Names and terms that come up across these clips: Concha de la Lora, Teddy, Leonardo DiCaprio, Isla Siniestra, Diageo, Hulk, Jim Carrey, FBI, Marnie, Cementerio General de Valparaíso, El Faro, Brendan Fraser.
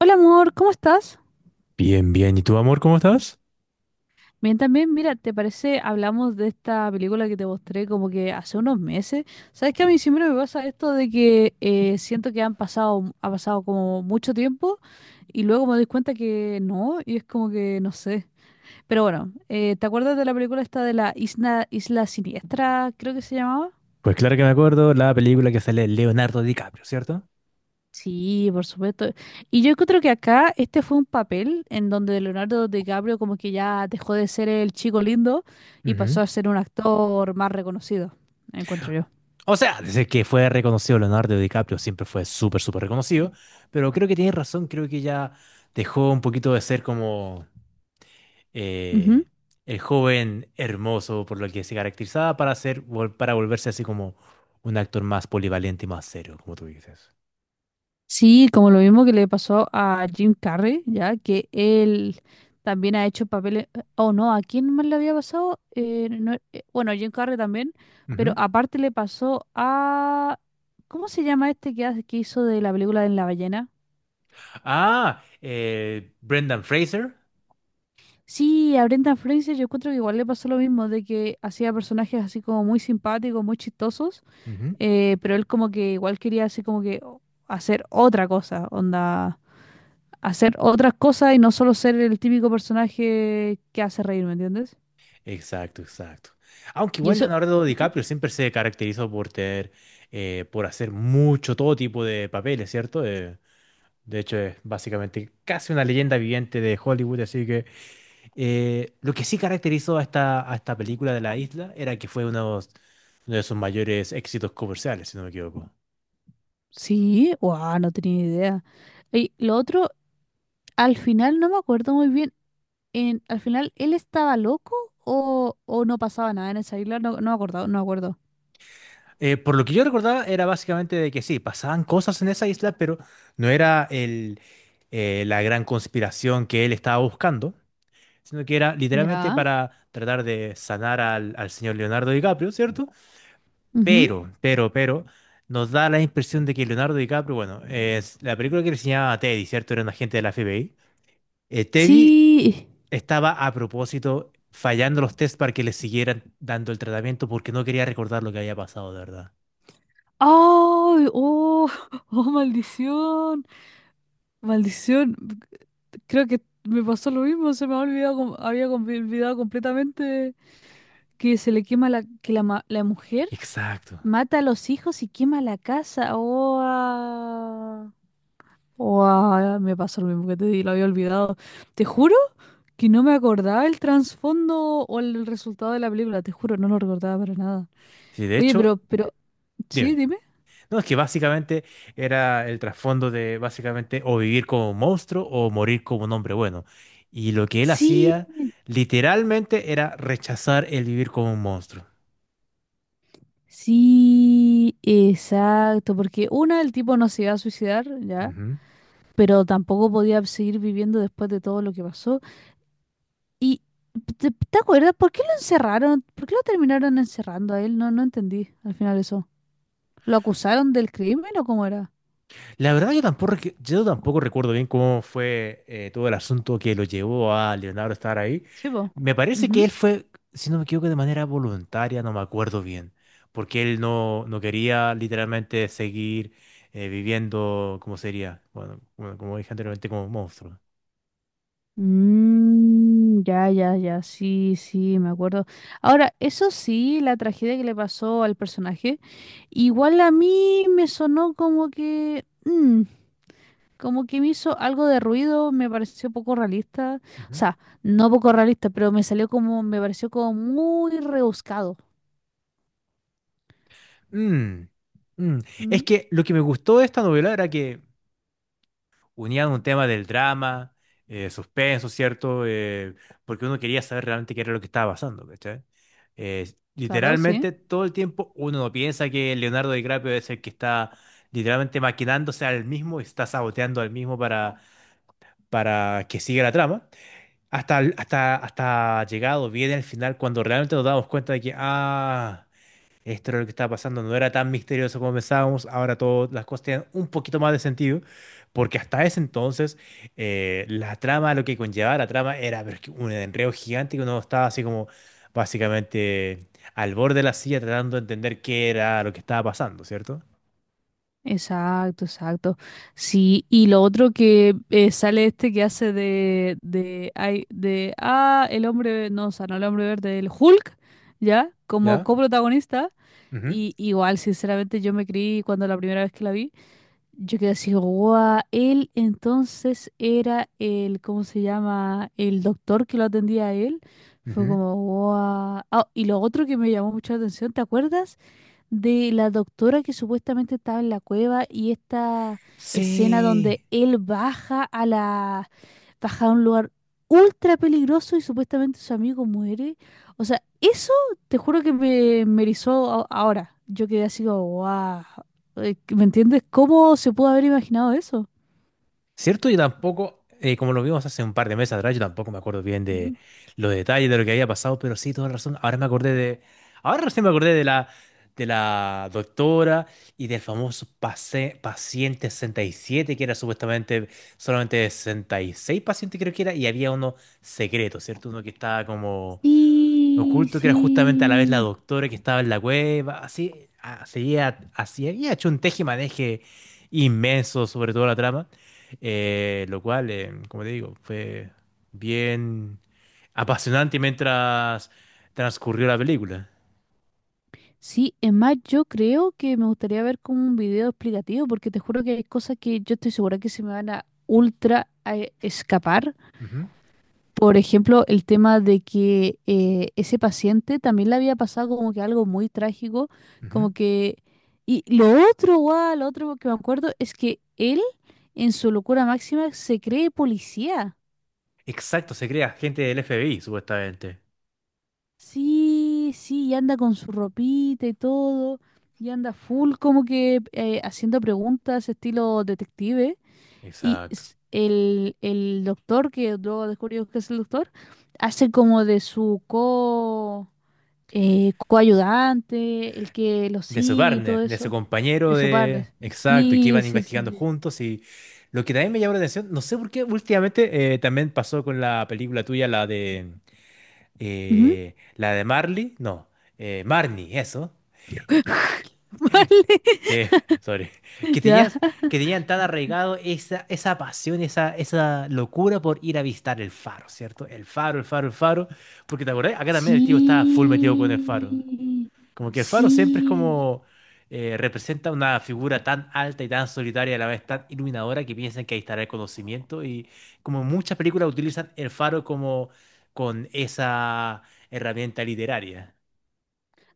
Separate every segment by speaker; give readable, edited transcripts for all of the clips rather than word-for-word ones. Speaker 1: Hola amor, ¿cómo estás?
Speaker 2: Bien, bien. ¿Y tú, amor, cómo estás?
Speaker 1: Bien, también, mira, ¿te parece? Hablamos de esta película que te mostré como que hace unos meses. ¿Sabes que a mí siempre me pasa esto de que siento que ha pasado como mucho tiempo y luego me doy cuenta que no, y es como que no sé. Pero bueno, ¿te acuerdas de la película esta de la Isla Siniestra, creo que se llamaba?
Speaker 2: Pues claro que me acuerdo la película que sale Leonardo DiCaprio, cierto.
Speaker 1: Sí, por supuesto. Y yo creo que acá este fue un papel en donde Leonardo DiCaprio como que ya dejó de ser el chico lindo y
Speaker 2: Ujú.
Speaker 1: pasó a ser un actor más reconocido, encuentro yo.
Speaker 2: O sea, desde que fue reconocido Leonardo DiCaprio, siempre fue súper, súper reconocido, pero creo que tienes razón, creo que ya dejó un poquito de ser como
Speaker 1: Ujú.
Speaker 2: eh, el joven hermoso por lo que se caracterizaba para ser, para volverse así como un actor más polivalente y más serio, como tú dices.
Speaker 1: Sí, como lo mismo que le pasó a Jim Carrey, ya que él también ha hecho papeles. Oh, no, ¿a quién más le había pasado? No, Bueno, a Jim Carrey también, pero
Speaker 2: Ujú.
Speaker 1: aparte le pasó a. ¿Cómo se llama este que hizo de la película de la ballena?
Speaker 2: Ah, Brendan Fraser.
Speaker 1: Sí, a Brendan Fraser yo encuentro que igual le pasó lo mismo, de que hacía personajes así como muy simpáticos, muy chistosos, pero él como que igual quería así como que hacer otra cosa, onda, hacer otras cosas y no solo ser el típico personaje que hace reír, ¿me entiendes?
Speaker 2: Exacto, exacto. Aunque
Speaker 1: Y
Speaker 2: igual
Speaker 1: eso,
Speaker 2: Leonardo
Speaker 1: ujú.
Speaker 2: DiCaprio siempre se caracterizó por tener, por hacer mucho todo tipo de papeles, ¿cierto? De hecho, es básicamente casi una leyenda viviente de Hollywood, así que lo que sí caracterizó a esta película de La Isla era que fue uno, uno de sus mayores éxitos comerciales, si no me equivoco.
Speaker 1: Sí, wow, no tenía idea. Y lo otro, al final no me acuerdo muy bien, en, al final él estaba loco o no pasaba nada en esa isla, no me acuerdo, no me acuerdo.
Speaker 2: Por lo que yo recordaba era básicamente de que sí, pasaban cosas en esa isla, pero no era el, la gran conspiración que él estaba buscando, sino que era literalmente
Speaker 1: Ya.
Speaker 2: para tratar de sanar al, al señor Leonardo DiCaprio, ¿cierto?
Speaker 1: Ujú.
Speaker 2: Pero nos da la impresión de que Leonardo DiCaprio, bueno, es la película que le enseñaba a Teddy, ¿cierto? Era un agente de la FBI. Teddy
Speaker 1: Sí.
Speaker 2: estaba a propósito fallando los tests para que le siguieran dando el tratamiento porque no quería recordar lo que había pasado, de verdad.
Speaker 1: ¡Ay! ¡Oh! ¡Oh, maldición! Maldición. Creo que me pasó lo mismo, se me había olvidado, olvidado completamente que se le quema la, que la, ma- la mujer
Speaker 2: Exacto.
Speaker 1: mata a los hijos y quema la casa. ¡Oh! Ah. ¡Oh! Ah, me pasó lo mismo que te di, lo había olvidado. Te juro que no me acordaba el trasfondo o el resultado de la película, te juro, no lo recordaba para nada.
Speaker 2: Sí, de
Speaker 1: Oye,
Speaker 2: hecho,
Speaker 1: sí,
Speaker 2: dime.
Speaker 1: dime.
Speaker 2: No, es que básicamente era el trasfondo de básicamente o vivir como un monstruo o morir como un hombre bueno. Y lo que él
Speaker 1: Sí,
Speaker 2: hacía literalmente era rechazar el vivir como un monstruo.
Speaker 1: sí, exacto, porque una, el tipo no se iba a suicidar, ¿ya?
Speaker 2: Ujú.
Speaker 1: Pero tampoco podía seguir viviendo después de todo lo que pasó. Y, ¿te acuerdas por qué lo encerraron? ¿Por qué lo terminaron encerrando a él? No, no entendí al final eso. ¿Lo acusaron del crimen o cómo era?
Speaker 2: La verdad yo tampoco, yo tampoco recuerdo bien cómo fue todo el asunto que lo llevó a Leonardo a estar ahí.
Speaker 1: Sí, po.
Speaker 2: Me parece que
Speaker 1: Ujú.
Speaker 2: él fue, si no me equivoco, de manera voluntaria, no me acuerdo bien, porque él no, no quería literalmente seguir viviendo, ¿cómo sería? Bueno, bueno, como dije anteriormente, como monstruo.
Speaker 1: Mm, ya, ya, ya, sí, sí, me acuerdo. Ahora, eso sí, la tragedia que le pasó al personaje, igual a mí me sonó como que… mm, como que me hizo algo de ruido, me pareció poco realista. O
Speaker 2: Ujú.
Speaker 1: sea, no poco realista, pero me salió como, me pareció como muy rebuscado.
Speaker 2: Mm, mm. Es
Speaker 1: Mm,
Speaker 2: que lo que me gustó de esta novela era que unían un tema del drama, suspenso, ¿cierto? Porque uno quería saber realmente qué era lo que estaba pasando, ¿cachai?
Speaker 1: claro, sí.
Speaker 2: Literalmente todo el tiempo uno no piensa que Leonardo DiCaprio es el que está literalmente maquinándose al mismo, está saboteando al mismo para que siga la trama, hasta llegado bien al final cuando realmente nos damos cuenta de que, ah, esto era lo que estaba pasando, no era tan misterioso como pensábamos, ahora todas las cosas tienen un poquito más de sentido, porque hasta ese entonces la trama, lo que conllevaba la trama era pero es que un enredo gigante que uno estaba así como básicamente al borde de la silla tratando de entender qué era lo que estaba pasando, ¿cierto?
Speaker 1: Exacto, exacto. Sí, y lo otro que sale este que hace ay, de, ah, el hombre, no, o sea, no el hombre verde, el Hulk, ¿ya? Como
Speaker 2: ¿Ya?
Speaker 1: coprotagonista.
Speaker 2: Ujú,
Speaker 1: Y igual, sinceramente, yo me creí cuando la primera vez que la vi. Yo quedé así, guau, él entonces era el, ¿cómo se llama? El doctor que lo atendía a él. Fue
Speaker 2: ujú.
Speaker 1: como, guau. Ah, y lo otro que me llamó mucho la atención, ¿te acuerdas? De la doctora que supuestamente estaba en la cueva y esta escena donde
Speaker 2: Sí.
Speaker 1: él baja a la baja a un lugar ultra peligroso y supuestamente su amigo muere. O sea, eso te juro que me erizó ahora. Yo quedé así como, wow. ¿Me entiendes? ¿Cómo se pudo haber imaginado eso?
Speaker 2: ¿Cierto? Y tampoco, como lo vimos hace un par de meses atrás, yo tampoco me acuerdo bien de
Speaker 1: Ujú.
Speaker 2: los detalles de lo que había pasado, pero sí, toda razón. Ahora me acordé de. Ahora recién me acordé de la doctora y del famoso paciente 67, que era supuestamente solamente 66 pacientes, creo que era, y había uno secreto, ¿cierto? Uno que estaba como
Speaker 1: Sí,
Speaker 2: oculto, que era justamente a la vez la
Speaker 1: sí.
Speaker 2: doctora que estaba en la cueva, así, ah, seguía, así, había hecho un tejimaneje inmenso sobre toda la trama, lo cual, como te digo, fue bien apasionante mientras transcurrió la película.
Speaker 1: Sí, es más, yo creo que me gustaría ver como un video explicativo, porque te juro que hay cosas que yo estoy segura que se me van a ultra a escapar.
Speaker 2: Ujú,
Speaker 1: Por ejemplo, el tema de que ese paciente también le había pasado como que algo muy trágico,
Speaker 2: ujú.
Speaker 1: como que… Y lo otro, guau, lo otro que me acuerdo es que él, en su locura máxima, se cree policía.
Speaker 2: Exacto, se crea gente del FBI, supuestamente.
Speaker 1: Sí, sí, y anda con su ropita y todo, y anda full como que haciendo preguntas estilo detective. Y
Speaker 2: Exacto.
Speaker 1: el doctor, que luego descubrimos que es el doctor, hace como de su co, coayudante, el que lo
Speaker 2: De su
Speaker 1: sigue y
Speaker 2: partner,
Speaker 1: todo
Speaker 2: de su
Speaker 1: eso,
Speaker 2: compañero
Speaker 1: de su parte.
Speaker 2: de... Exacto, y que
Speaker 1: Sí,
Speaker 2: iban
Speaker 1: sí, sí,
Speaker 2: investigando
Speaker 1: sí.
Speaker 2: juntos y lo que también me llamó la atención, no sé por qué últimamente también pasó con la película tuya,
Speaker 1: Ujú.
Speaker 2: la de Marley, no, Marnie, eso.
Speaker 1: Vale,
Speaker 2: eh, sorry. Que
Speaker 1: ya.
Speaker 2: tenías, que tenían tan arraigado esa, esa pasión, esa locura por ir a visitar el faro, ¿cierto? El faro, el faro, el faro. Porque te acordás, acá también el tío estaba full metido con el faro.
Speaker 1: Sí,
Speaker 2: Como que el faro siempre es
Speaker 1: sí,
Speaker 2: como representa una figura tan alta y tan solitaria, a la vez tan iluminadora, que piensan que ahí estará el conocimiento. Y como en muchas películas utilizan el faro como con esa herramienta literaria.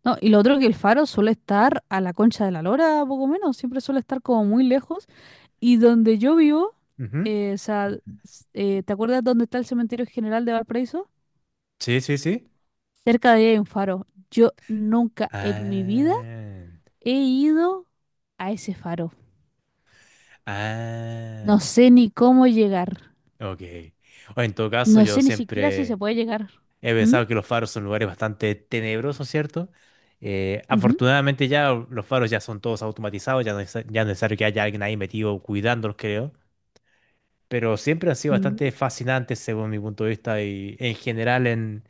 Speaker 1: no, y lo otro que el faro suele estar a la Concha de la Lora, poco menos, siempre suele estar como muy lejos. Y donde yo vivo,
Speaker 2: Ujú.
Speaker 1: o sea, ¿te acuerdas dónde está el Cementerio General de Valparaíso?
Speaker 2: Sí, sí, sí.
Speaker 1: Cerca de ahí hay un faro. Yo nunca en mi vida
Speaker 2: Ah,
Speaker 1: he ido a ese faro.
Speaker 2: ah,
Speaker 1: No sé ni cómo llegar.
Speaker 2: ok. O en todo caso,
Speaker 1: No
Speaker 2: yo
Speaker 1: sé ni siquiera si se
Speaker 2: siempre
Speaker 1: puede llegar.
Speaker 2: he
Speaker 1: ¿Mm?
Speaker 2: pensado que los faros son lugares bastante tenebrosos, ¿cierto? Afortunadamente ya los faros ya son todos automatizados, ya no es necesario que haya alguien ahí metido cuidándolos, creo. Pero siempre han sido bastante
Speaker 1: Ujú.
Speaker 2: fascinantes según mi punto de vista y en general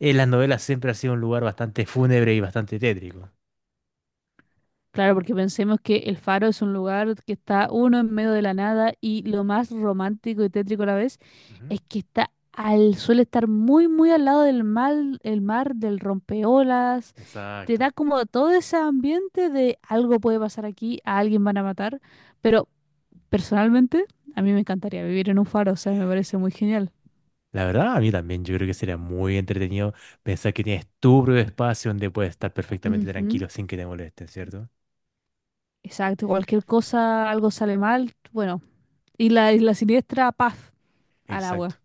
Speaker 2: en las novelas siempre ha sido un lugar bastante fúnebre y bastante tétrico.
Speaker 1: Claro, porque pensemos que el Faro es un lugar que está uno en medio de la nada y lo más romántico y tétrico a la vez
Speaker 2: Ujú.
Speaker 1: es que está al, suele estar muy, muy al lado del mar, el mar, del rompeolas. Te da
Speaker 2: Exacto.
Speaker 1: como todo ese ambiente de algo puede pasar aquí, a alguien van a matar. Pero personalmente, a mí me encantaría vivir en un faro, o sea, me parece muy genial.
Speaker 2: La verdad, a mí también yo creo que sería muy entretenido pensar que tienes tu propio espacio donde puedes estar perfectamente
Speaker 1: Ujú,
Speaker 2: tranquilo sin que te molesten, ¿cierto?
Speaker 1: exacto, cualquier cosa, algo sale mal, bueno. Y la isla siniestra, paf, al
Speaker 2: Exacto.
Speaker 1: agua.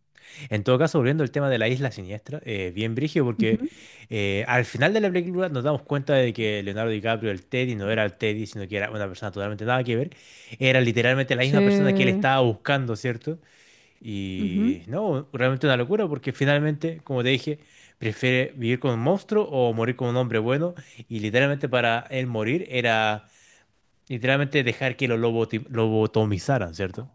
Speaker 2: En todo caso, volviendo al tema de la isla siniestra, bien brígido, porque
Speaker 1: Ujú.
Speaker 2: al final de la película nos damos cuenta de que Leonardo DiCaprio, el Teddy, no era el Teddy, sino que era una persona totalmente nada que ver. Era literalmente la
Speaker 1: Sí.
Speaker 2: misma persona que él estaba buscando, ¿cierto?
Speaker 1: Ujú.
Speaker 2: Y no, realmente una locura, porque finalmente, como te dije, prefiere vivir con un monstruo o morir con un hombre bueno. Y literalmente para él morir era literalmente dejar que lo lobotomizaran, ¿cierto?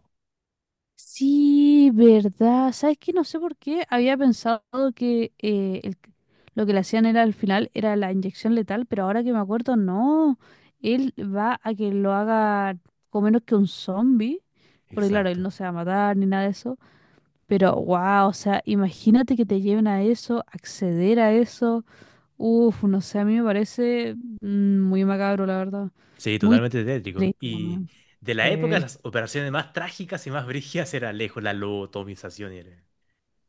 Speaker 1: Sí, verdad. ¿Sabes qué? No sé por qué había pensado que el lo que le hacían era al final era la inyección letal, pero ahora que me acuerdo, no. Él va a que lo haga con menos que un zombie, porque claro, él
Speaker 2: Exacto.
Speaker 1: no se va a matar ni nada de eso. Pero wow, o sea, imagínate que te lleven a eso, acceder a eso. Uf, no sé, a mí me parece mm, muy macabro, la verdad.
Speaker 2: Sí,
Speaker 1: Muy
Speaker 2: totalmente tétrico.
Speaker 1: triste
Speaker 2: Y
Speaker 1: también.
Speaker 2: de la época,
Speaker 1: Sí.
Speaker 2: las operaciones más trágicas y más brígidas era lejos la lobotomización.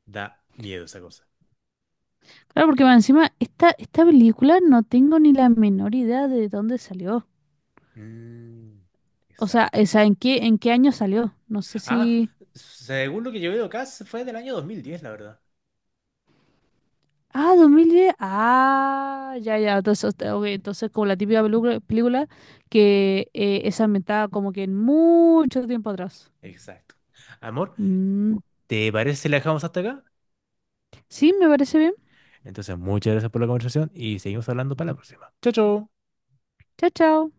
Speaker 2: Da miedo esa cosa.
Speaker 1: Claro, porque más encima, esta película no tengo ni la menor idea de dónde salió.
Speaker 2: Mm, exacto.
Speaker 1: O sea, ¿en qué año salió? No sé
Speaker 2: Ah,
Speaker 1: si…
Speaker 2: según lo que yo veo acá, se fue del año 2010, la verdad.
Speaker 1: Ah, 2010, ah, ya, ya. Entonces, este, ok, entonces como la típica película que es ambientada como que en mucho tiempo atrás.
Speaker 2: Exacto. Amor,
Speaker 1: Mm,
Speaker 2: ¿te parece si la dejamos hasta acá?
Speaker 1: sí, me parece bien.
Speaker 2: Entonces, muchas gracias por la conversación y seguimos hablando para la próxima. Chao, chao.
Speaker 1: Chao, chao.